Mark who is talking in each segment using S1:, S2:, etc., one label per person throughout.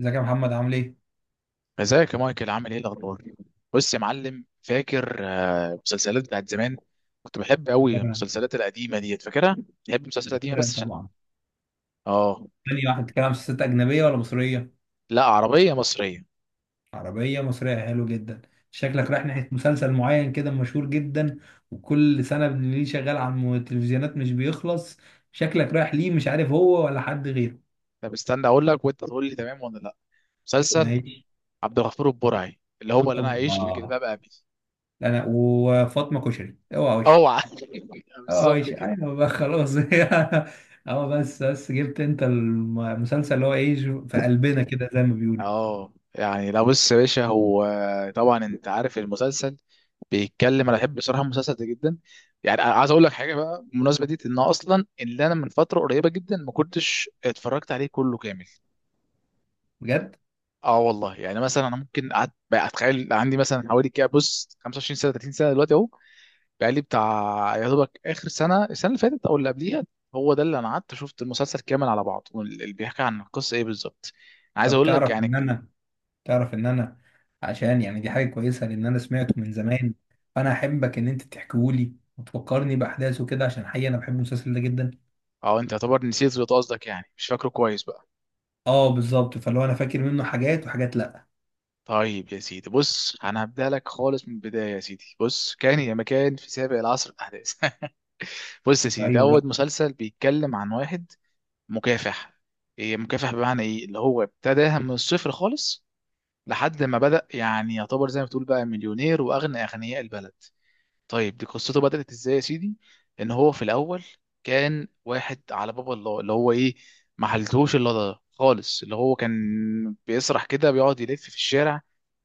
S1: ازيك يا محمد عامل ايه؟
S2: ازيك يا مايكل عامل ايه الاخبار. بص يا معلم، فاكر مسلسلات بتاعت زمان؟ كنت بحب قوي
S1: كده.
S2: المسلسلات القديمه ديت، فاكرها؟ بحب المسلسلات القديمه
S1: كده
S2: بس عشان
S1: طبعا.
S2: اه.
S1: تاني واحد بتتكلم عن مسلسلات أجنبية ولا مصرية؟
S2: لا، عربيه مصريه.
S1: عربية مصرية، حلو جدا. شكلك رايح ناحية مسلسل معين كده مشهور جدا، وكل سنة ليه شغال على التلفزيونات مش بيخلص. شكلك رايح ليه، مش عارف هو ولا حد غيره.
S2: طب استنى اقول لك وانت تقول لي تمام ولا لا. مسلسل
S1: ماشي.
S2: عبد الغفور البرعي، اللي هو اللي انا
S1: اوبا.
S2: عايش في جلباب ابي.
S1: انا وفاطمة كشري اوعى وشك.
S2: اوعى.
S1: اوعى
S2: بالظبط
S1: وشك،
S2: كده.
S1: ايوه بقى خلاص. اه، بس جبت انت المسلسل اللي هو ايه، في قلبنا كده زي ما بيقولوا.
S2: اه يعني، لا بص يا باشا، هو طبعا انت عارف المسلسل، بيتكلم. انا بحب بصراحه المسلسل ده جدا، يعني. أنا عايز اقول لك حاجه بقى بالمناسبه دي، ان اصلا اللي انا من فتره قريبه جدا ما كنتش اتفرجت عليه كله كامل.
S1: بجد؟
S2: اه والله، يعني مثلا انا ممكن قعدت بقى اتخيل عندي مثلا حوالي كده، بص، 25 سنه، 30 سنه دلوقتي اهو، بقى لي بتاع يا دوبك اخر سنه، السنه اللي فاتت او اللي قبليها، هو ده اللي انا قعدت شفت المسلسل كامل على بعض، واللي بيحكي عن القصه ايه بالظبط، عايز
S1: طب
S2: اقول لك
S1: تعرف
S2: يعني.
S1: ان انا تعرف ان انا عشان يعني دي حاجه كويسه لان انا سمعته من زمان، فانا احبك ان انت تحكيهولي وتفكرني باحداثه كده، عشان حقيقه انا بحب المسلسل ده جدا.
S2: اه انت يعتبر نسيت، اللي قصدك يعني مش فاكره كويس بقى.
S1: اه بالظبط، فلو انا فاكر منه حاجات وحاجات، لا.
S2: طيب يا سيدي، بص، انا هبدأ لك خالص من البداية. يا سيدي بص، كان يا مكان في سابق العصر الاحداث. بص يا سيدي، ده
S1: ايوه بقى.
S2: اول مسلسل بيتكلم عن واحد مكافح. إيه مكافح بمعنى ايه؟ اللي هو ابتداها من الصفر خالص، لحد ما بدأ يعني يعتبر زي ما تقول بقى مليونير واغنى اغنياء البلد. طيب دي قصته بدأت ازاي يا سيدي؟ ان هو في الاول كان واحد على باب الله، اللي هو ايه، ما حلتهوش الا ده خالص. اللي هو كان بيسرح كده، بيقعد يلف في الشارع،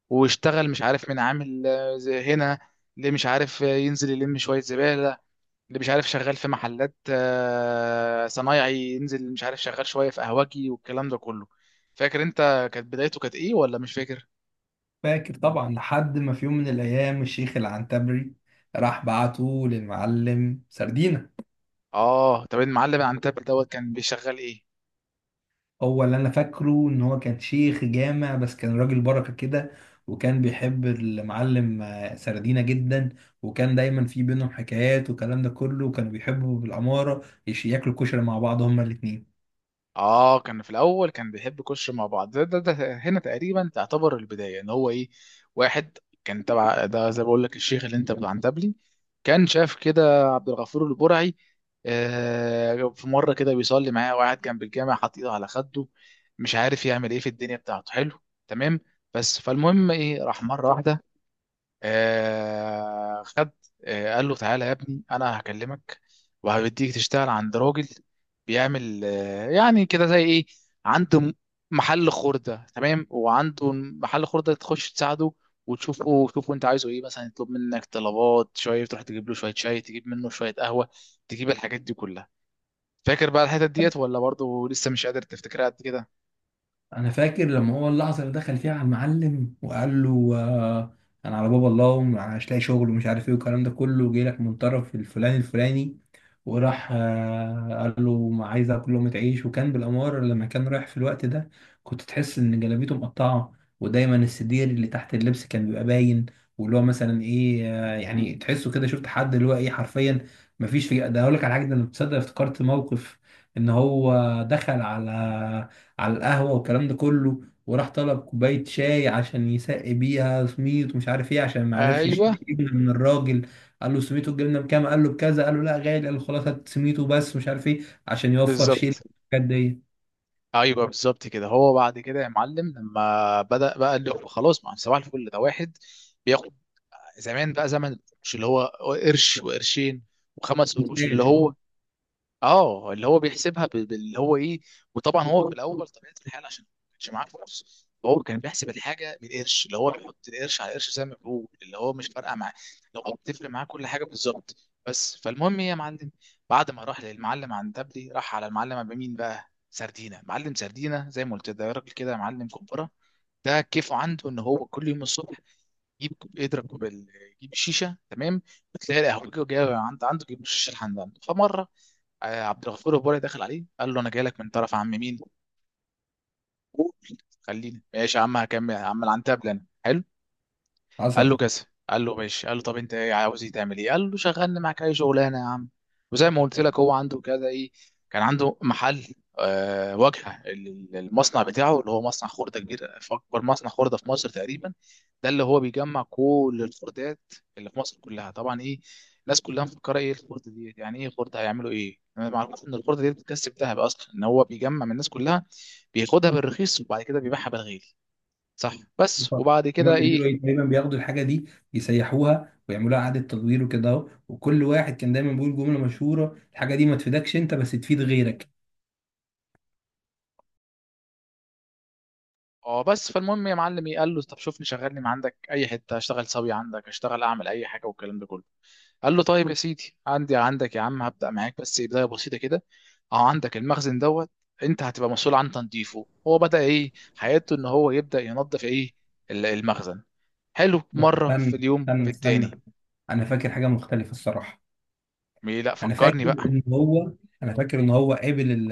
S2: واشتغل مش عارف مين، عامل زي هنا، اللي مش عارف ينزل يلم شوية زبالة، اللي مش عارف شغال في محلات صنايعي، ينزل مش عارف شغال شوية في قهوجي والكلام ده كله. فاكر انت كانت بدايته كانت ايه ولا مش فاكر؟
S1: فاكر طبعا، لحد ما في يوم من الايام الشيخ العنتبري راح بعته للمعلم سردينة.
S2: اه طب المعلم عن تاب دوت كان بيشغل ايه؟
S1: هو اللي انا فاكره ان هو كان شيخ جامع، بس كان راجل بركه كده، وكان بيحب المعلم سردينه جدا، وكان دايما في بينهم حكايات والكلام ده كله، وكانوا بيحبوا بالعماره ياكلوا كشري مع بعض هما الاتنين.
S2: اه كان في الاول كان بيحب يخش مع بعض، ده هنا تقريبا تعتبر البدايه، ان هو ايه، واحد كان تبع ده زي ما بقول لك الشيخ اللي انت بتاع عنتبلي. كان شاف كده عبد الغفور البرعي، آه، في مره كده بيصلي معاه وقاعد جنب الجامع حاطط ايده على خده، مش عارف يعمل ايه في الدنيا بتاعته، حلو، تمام. بس فالمهم ايه، راح مره واحده آه خد، آه قال له تعالى يا ابني انا هكلمك وهبديك تشتغل عند راجل بيعمل آه يعني كده زي ايه، عنده محل خردة، تمام، وعنده محل خردة تخش تساعده وتشوفه، تشوفه انت عايزه ايه، مثلا يطلب منك طلبات شوية، تروح تجيب له شوية شاي، تجيب منه شوية قهوة، تجيب الحاجات دي كلها. فاكر بقى الحتت ديت ولا برضه لسه مش قادر تفتكرها قد كده؟
S1: انا فاكر لما هو اللحظه اللي دخل فيها على المعلم وقال له انا على باب الله ومش لاقي شغل ومش عارف ايه والكلام ده كله، جاي لك من طرف الفلاني الفلاني، وراح قال له ما عايز اكل لقمه عيش. وكان بالاماره لما كان رايح في الوقت ده، كنت تحس ان جلابيته مقطعه، ودايما السدير اللي تحت اللبس كان بيبقى باين، واللي هو مثلا ايه، يعني تحسه كده، شفت حد اللي هو ايه حرفيا مفيش. في ده هقول لك على حاجه، ده انا تصدق افتكرت موقف ان هو دخل على القهوة والكلام ده كله، وراح طلب كوباية شاي عشان يسقي بيها سميت ومش عارف ايه، عشان ما عرفش
S2: ايوه
S1: يشتري جبنة من الراجل. قال له سميته الجبنة بكام، قال له بكذا، قال له لا غالي، قال له خلاص هات سميته بس مش عارف ايه، عشان يوفر شيل
S2: بالظبط.
S1: الحاجات دي.
S2: ايوه بالظبط كده. هو بعد كده يا معلم لما بدأ بقى اللي هو خلاص، ما هو صباح الفل ده واحد بياخد زمان بقى، زمن، مش اللي هو قرش وقرشين وخمس قروش اللي
S1: شاغل.
S2: هو اه. اللي هو بيحسبها باللي هو ايه. وطبعا هو في الاول طبيعه الحال، عشان ما كانش معاه فلوس، هو كان بيحسب الحاجه بالقرش، اللي هو بيحط القرش على القرش، زي ما بيقول اللي هو مش فارقه معاه، لو هو بتفرق معاه كل حاجه بالظبط. بس فالمهم ايه يا معلم، بعد ما راح للمعلم عندبلي، راح على المعلم عند مين بقى؟ سردينه، معلم سردينه. زي ما قلت، ده راجل كده معلم كبره. ده كيفه عنده ان هو كل يوم الصبح يجيب كوب- يضرب كوب ال- يجيب الشيشه، تمام، وتلاقي القهوجي جاي عند عنده يجيب الشيشه لحد عنده. فمره آه، عبد الغفور البرعي دخل عليه، قال له انا جاي لك من طرف عم مين، قول. خليني ماشي يا عم، هكمل هعمل عن تابل انا، حلو. قال
S1: حصل.
S2: له كذا، قال له ماشي. قال له طب انت ايه، عاوز ايه، تعمل ايه؟ قال له شغلني معاك اي شغلانه يا عم. وزي ما قلت لك هو عنده كذا ايه، كان عنده محل آه واجهه المصنع بتاعه، اللي هو مصنع خرده كبير، اكبر مصنع خرده في مصر تقريبا. ده اللي هو بيجمع كل الخردات اللي في مصر كلها. طبعا ايه، الناس كلها مفكره ايه الخرده دي، يعني ايه خرده، هيعملوا ايه؟ انا ما اعرفش ان الخرده دي بتكسب ذهب اصلا، ان هو بيجمع من الناس كلها، بياخدها بالرخيص وبعد كده بيبيعها بالغالي. صح، بس وبعد
S1: هما
S2: كده
S1: بيعملوا
S2: ايه؟
S1: ايه دايما، بياخدوا الحاجة دي يسيحوها ويعملوها إعادة تدوير وكده اهو. وكل واحد كان دايما بيقول جملة مشهورة، الحاجة دي ما تفيدكش انت بس تفيد غيرك.
S2: اه بس فالمهم يا معلم إيه، قال له طب شوفني شغلني ما عندك اي حته، اشتغل سوي عندك، اشتغل اعمل اي حاجه، والكلام ده كله. قال له طيب يا سيدي، عندي عندك يا عم، هبدا معاك بس بدايه بسيطه كده، اهو عندك المخزن دوت، انت هتبقى مسؤول عن تنظيفه. هو بدا ايه حياته؟ ان هو يبدا ينظف ايه، المخزن. حلو،
S1: بس
S2: مره في
S1: استنى
S2: اليوم
S1: استنى
S2: في التاني.
S1: استنى، انا فاكر حاجة مختلفة الصراحة.
S2: مي لا
S1: انا
S2: فكرني
S1: فاكر
S2: بقى.
S1: ان هو انا فاكر ان هو قابل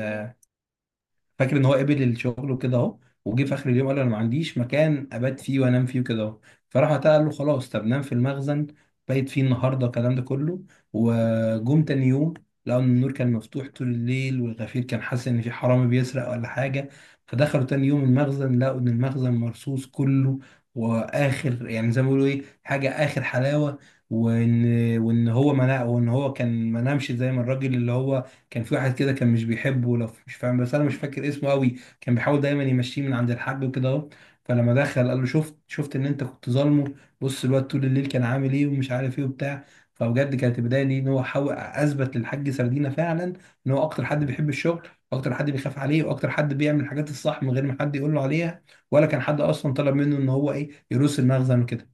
S1: فاكر ان هو قبل الشغل وكده اهو، وجه في اخر اليوم قال انا ما عنديش مكان ابات فيه وانام فيه وكده اهو. فراح وقتها قال له خلاص طب نام في المخزن، بقيت فيه النهارده الكلام ده كله. وجم تاني يوم لقوا ان النور كان مفتوح طول الليل، والغفير كان حاسس ان في حرامي بيسرق ولا حاجه، فدخلوا تاني يوم المخزن لقوا ان المخزن مرصوص كله، واخر يعني زي ما بيقولوا ايه حاجه اخر حلاوه. وان وان هو كان ما نامش. زي ما الراجل اللي هو، كان في واحد كده كان مش بيحبه، لو مش فاهم، بس انا مش فاكر اسمه قوي، كان بيحاول دايما يمشيه من عند الحاج وكده اهو. فلما دخل قال له شفت شفت ان انت كنت ظالمه، بص الواد طول الليل كان عامل ايه ومش عارف ايه وبتاع. فبجد كانت البدايه دي ان هو حاول اثبت للحاج سردينه فعلا، ان هو اكتر حد بيحب الشغل، واكتر حد بيخاف عليه، واكتر حد بيعمل الحاجات الصح من غير ما حد يقول له عليها، ولا كان حد اصلا طلب منه ان هو ايه يروس المخزن وكده.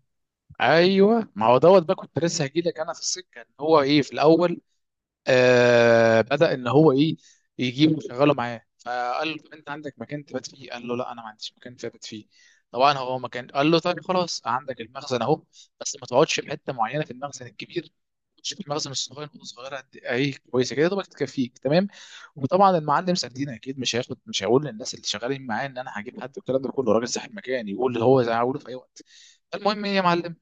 S2: ايوه، ما هو دوت بقى كنت لسه هجيلك انا في السكه، إن هو ايه في الاول آه بدأ ان هو ايه، يجيبه يشغله معاه، فقال له طب انت عندك مكان تبات فيه؟ قال له لا انا ما عنديش مكان تبات فيه. طبعا هو مكان، قال له طيب خلاص عندك المخزن اهو، بس ما تقعدش في حته معينه في المخزن الكبير، تقعدش في المخزن الصغير، نقطه صغيره قد ايه كويسه كده، دوبك تكفيك، تمام. وطبعا المعلم سردين اكيد مش هياخد، مش هيقول للناس اللي شغالين معاه ان انا هجيب حد والكلام ده كله، راجل صاحب مكان يقول اللي هو زي هقوله في اي وقت. المهم ايه يا معلم،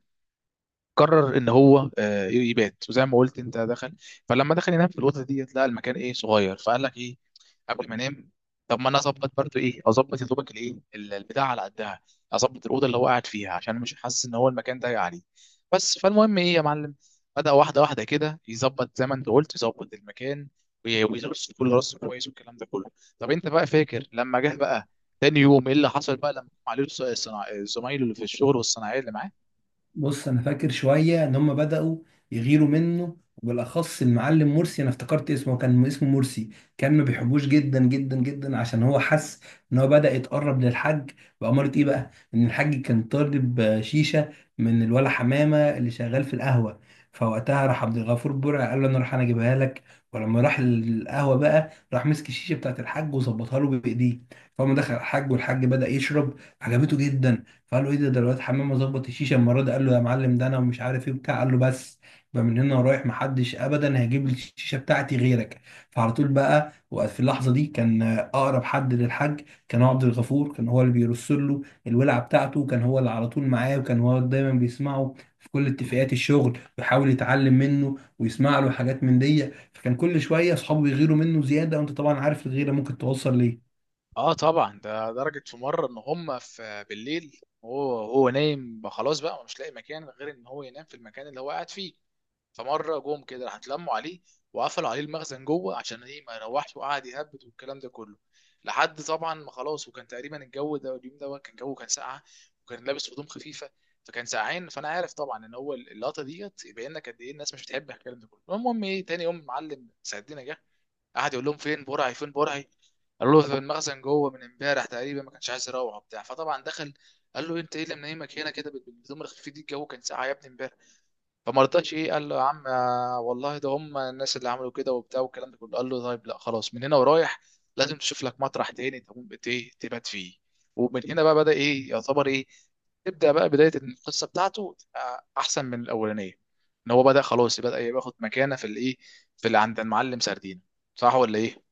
S2: قرر ان هو آه، يبات، وزي ما قلت انت دخل. فلما دخل ينام في الاوضه ديت لقى المكان ايه، صغير، فقال لك ايه، قبل ما انام، طب ما انا اظبط برضو ايه، اظبط يا دوبك الايه، البتاع على قدها، اظبط الاوضه اللي هو قاعد فيها عشان مش حاسس ان هو المكان ضايق عليه. بس فالمهم ايه يا معلم، بدا واحده واحده كده يظبط، زي ما انت قلت يظبط المكان، ويرص كل رص كويس والكلام ده كله. طب انت بقى فاكر لما جه بقى تاني يوم ايه اللي حصل، بقى لما قام عليه زمايله اللي في الشغل والصناعيه اللي معاه؟
S1: بص انا فاكر شويه ان هم بداوا يغيروا منه، وبالاخص المعلم مرسي، انا افتكرت اسمه كان اسمه مرسي. كان ما بيحبوش جدا جدا جدا، عشان هو حس ان هو بدا يتقرب للحاج. بأمارة ايه بقى، ان الحاج كان طالب شيشه من الولا حمامه اللي شغال في القهوه، فوقتها راح عبد الغفور برع قال له انا راح انا اجيبها لك. ولما راح القهوه بقى راح مسك الشيشه بتاعت الحاج وظبطها له بايديه، فقام دخل الحاج والحاج بدا يشرب، عجبته جدا. فقال له ايه ده الواد حمامه ظبط الشيشه المره دي، قال له يا معلم ده انا ومش عارف ايه وبتاع. قال له بس، يبقى من هنا ورايح محدش ابدا هيجيب لي الشيشه بتاعتي غيرك. فعلى طول بقى، وفي اللحظه دي كان اقرب حد للحاج كان هو عبد الغفور. كان هو اللي بيرسل له الولعه بتاعته، كان هو اللي على طول معاه، وكان هو دايما بيسمعه في كل اتفاقات الشغل، ويحاول يتعلم منه ويسمع له حاجات من دي. فكان كل شويه اصحابه بيغيروا منه زياده، وانت طبعا عارف الغيره ممكن توصل ليه.
S2: اه طبعا، ده درجة في مرة ان هم في بالليل، هو نايم بقى خلاص بقى، ومش لاقي مكان غير ان هو ينام في المكان اللي هو قاعد فيه، فمرة جم كده راح اتلموا عليه وقفلوا عليه المخزن جوه، عشان ايه ما يروحش، وقعد يهبد والكلام ده كله لحد طبعا ما خلاص. وكان تقريبا الجو ده اليوم ده كان جو كان ساقعة، وكان لابس هدوم خفيفة فكان ساقعين. فانا عارف طبعا ان هو اللقطة ديت يبين لك قد ايه الناس مش بتحب الكلام ده كله. المهم ايه، تاني يوم معلم سعدنا جه، قعد يقول لهم فين برعي فين برعي، قالوا له في المخزن جوه من امبارح تقريبا ما كانش عايز يروح وبتاع. فطبعا دخل، قال له انت ايه اللي منيمك هنا كده بالهدوم الخفيف دي، الجو كان ساقع يا ابني امبارح. فما رضاش ايه، قال له يا عم آه، والله ده هم الناس اللي عملوا كده وبتاع والكلام ده كله. قال له طيب لا خلاص، من هنا ورايح لازم تشوف لك مطرح تاني تقوم بت- إيه، تبات فيه. ومن هنا بقى بدأ ايه، يعتبر ايه، تبدأ بقى بداية إن القصة بتاعته تبقى أحسن من الأولانية، إن هو بدأ خلاص، بدأ ياخد مكانة في الإيه، في اللي عند المعلم سردين. صح ولا إيه؟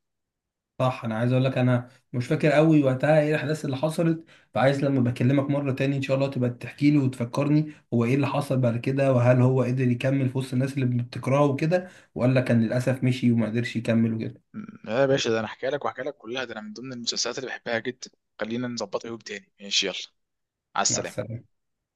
S1: صح. انا عايز اقول لك انا مش فاكر قوي وقتها ايه الاحداث اللي حصلت، فعايز لما بكلمك مره تاني ان شاء الله تبقى تحكي لي وتفكرني هو ايه اللي حصل بعد كده، وهل هو قدر يكمل في وسط الناس اللي بتكرهه وكده، ولا كان للاسف مشي وما قدرش يكمل وكده.
S2: يا باشا، ده أنا هحكي لك وهحكي لك كلها، ده أنا من ضمن المسلسلات اللي بحبها جدا. خلينا نظبطها يوم تاني، ماشي، يلا، على
S1: مع
S2: السلامة.
S1: السلامه.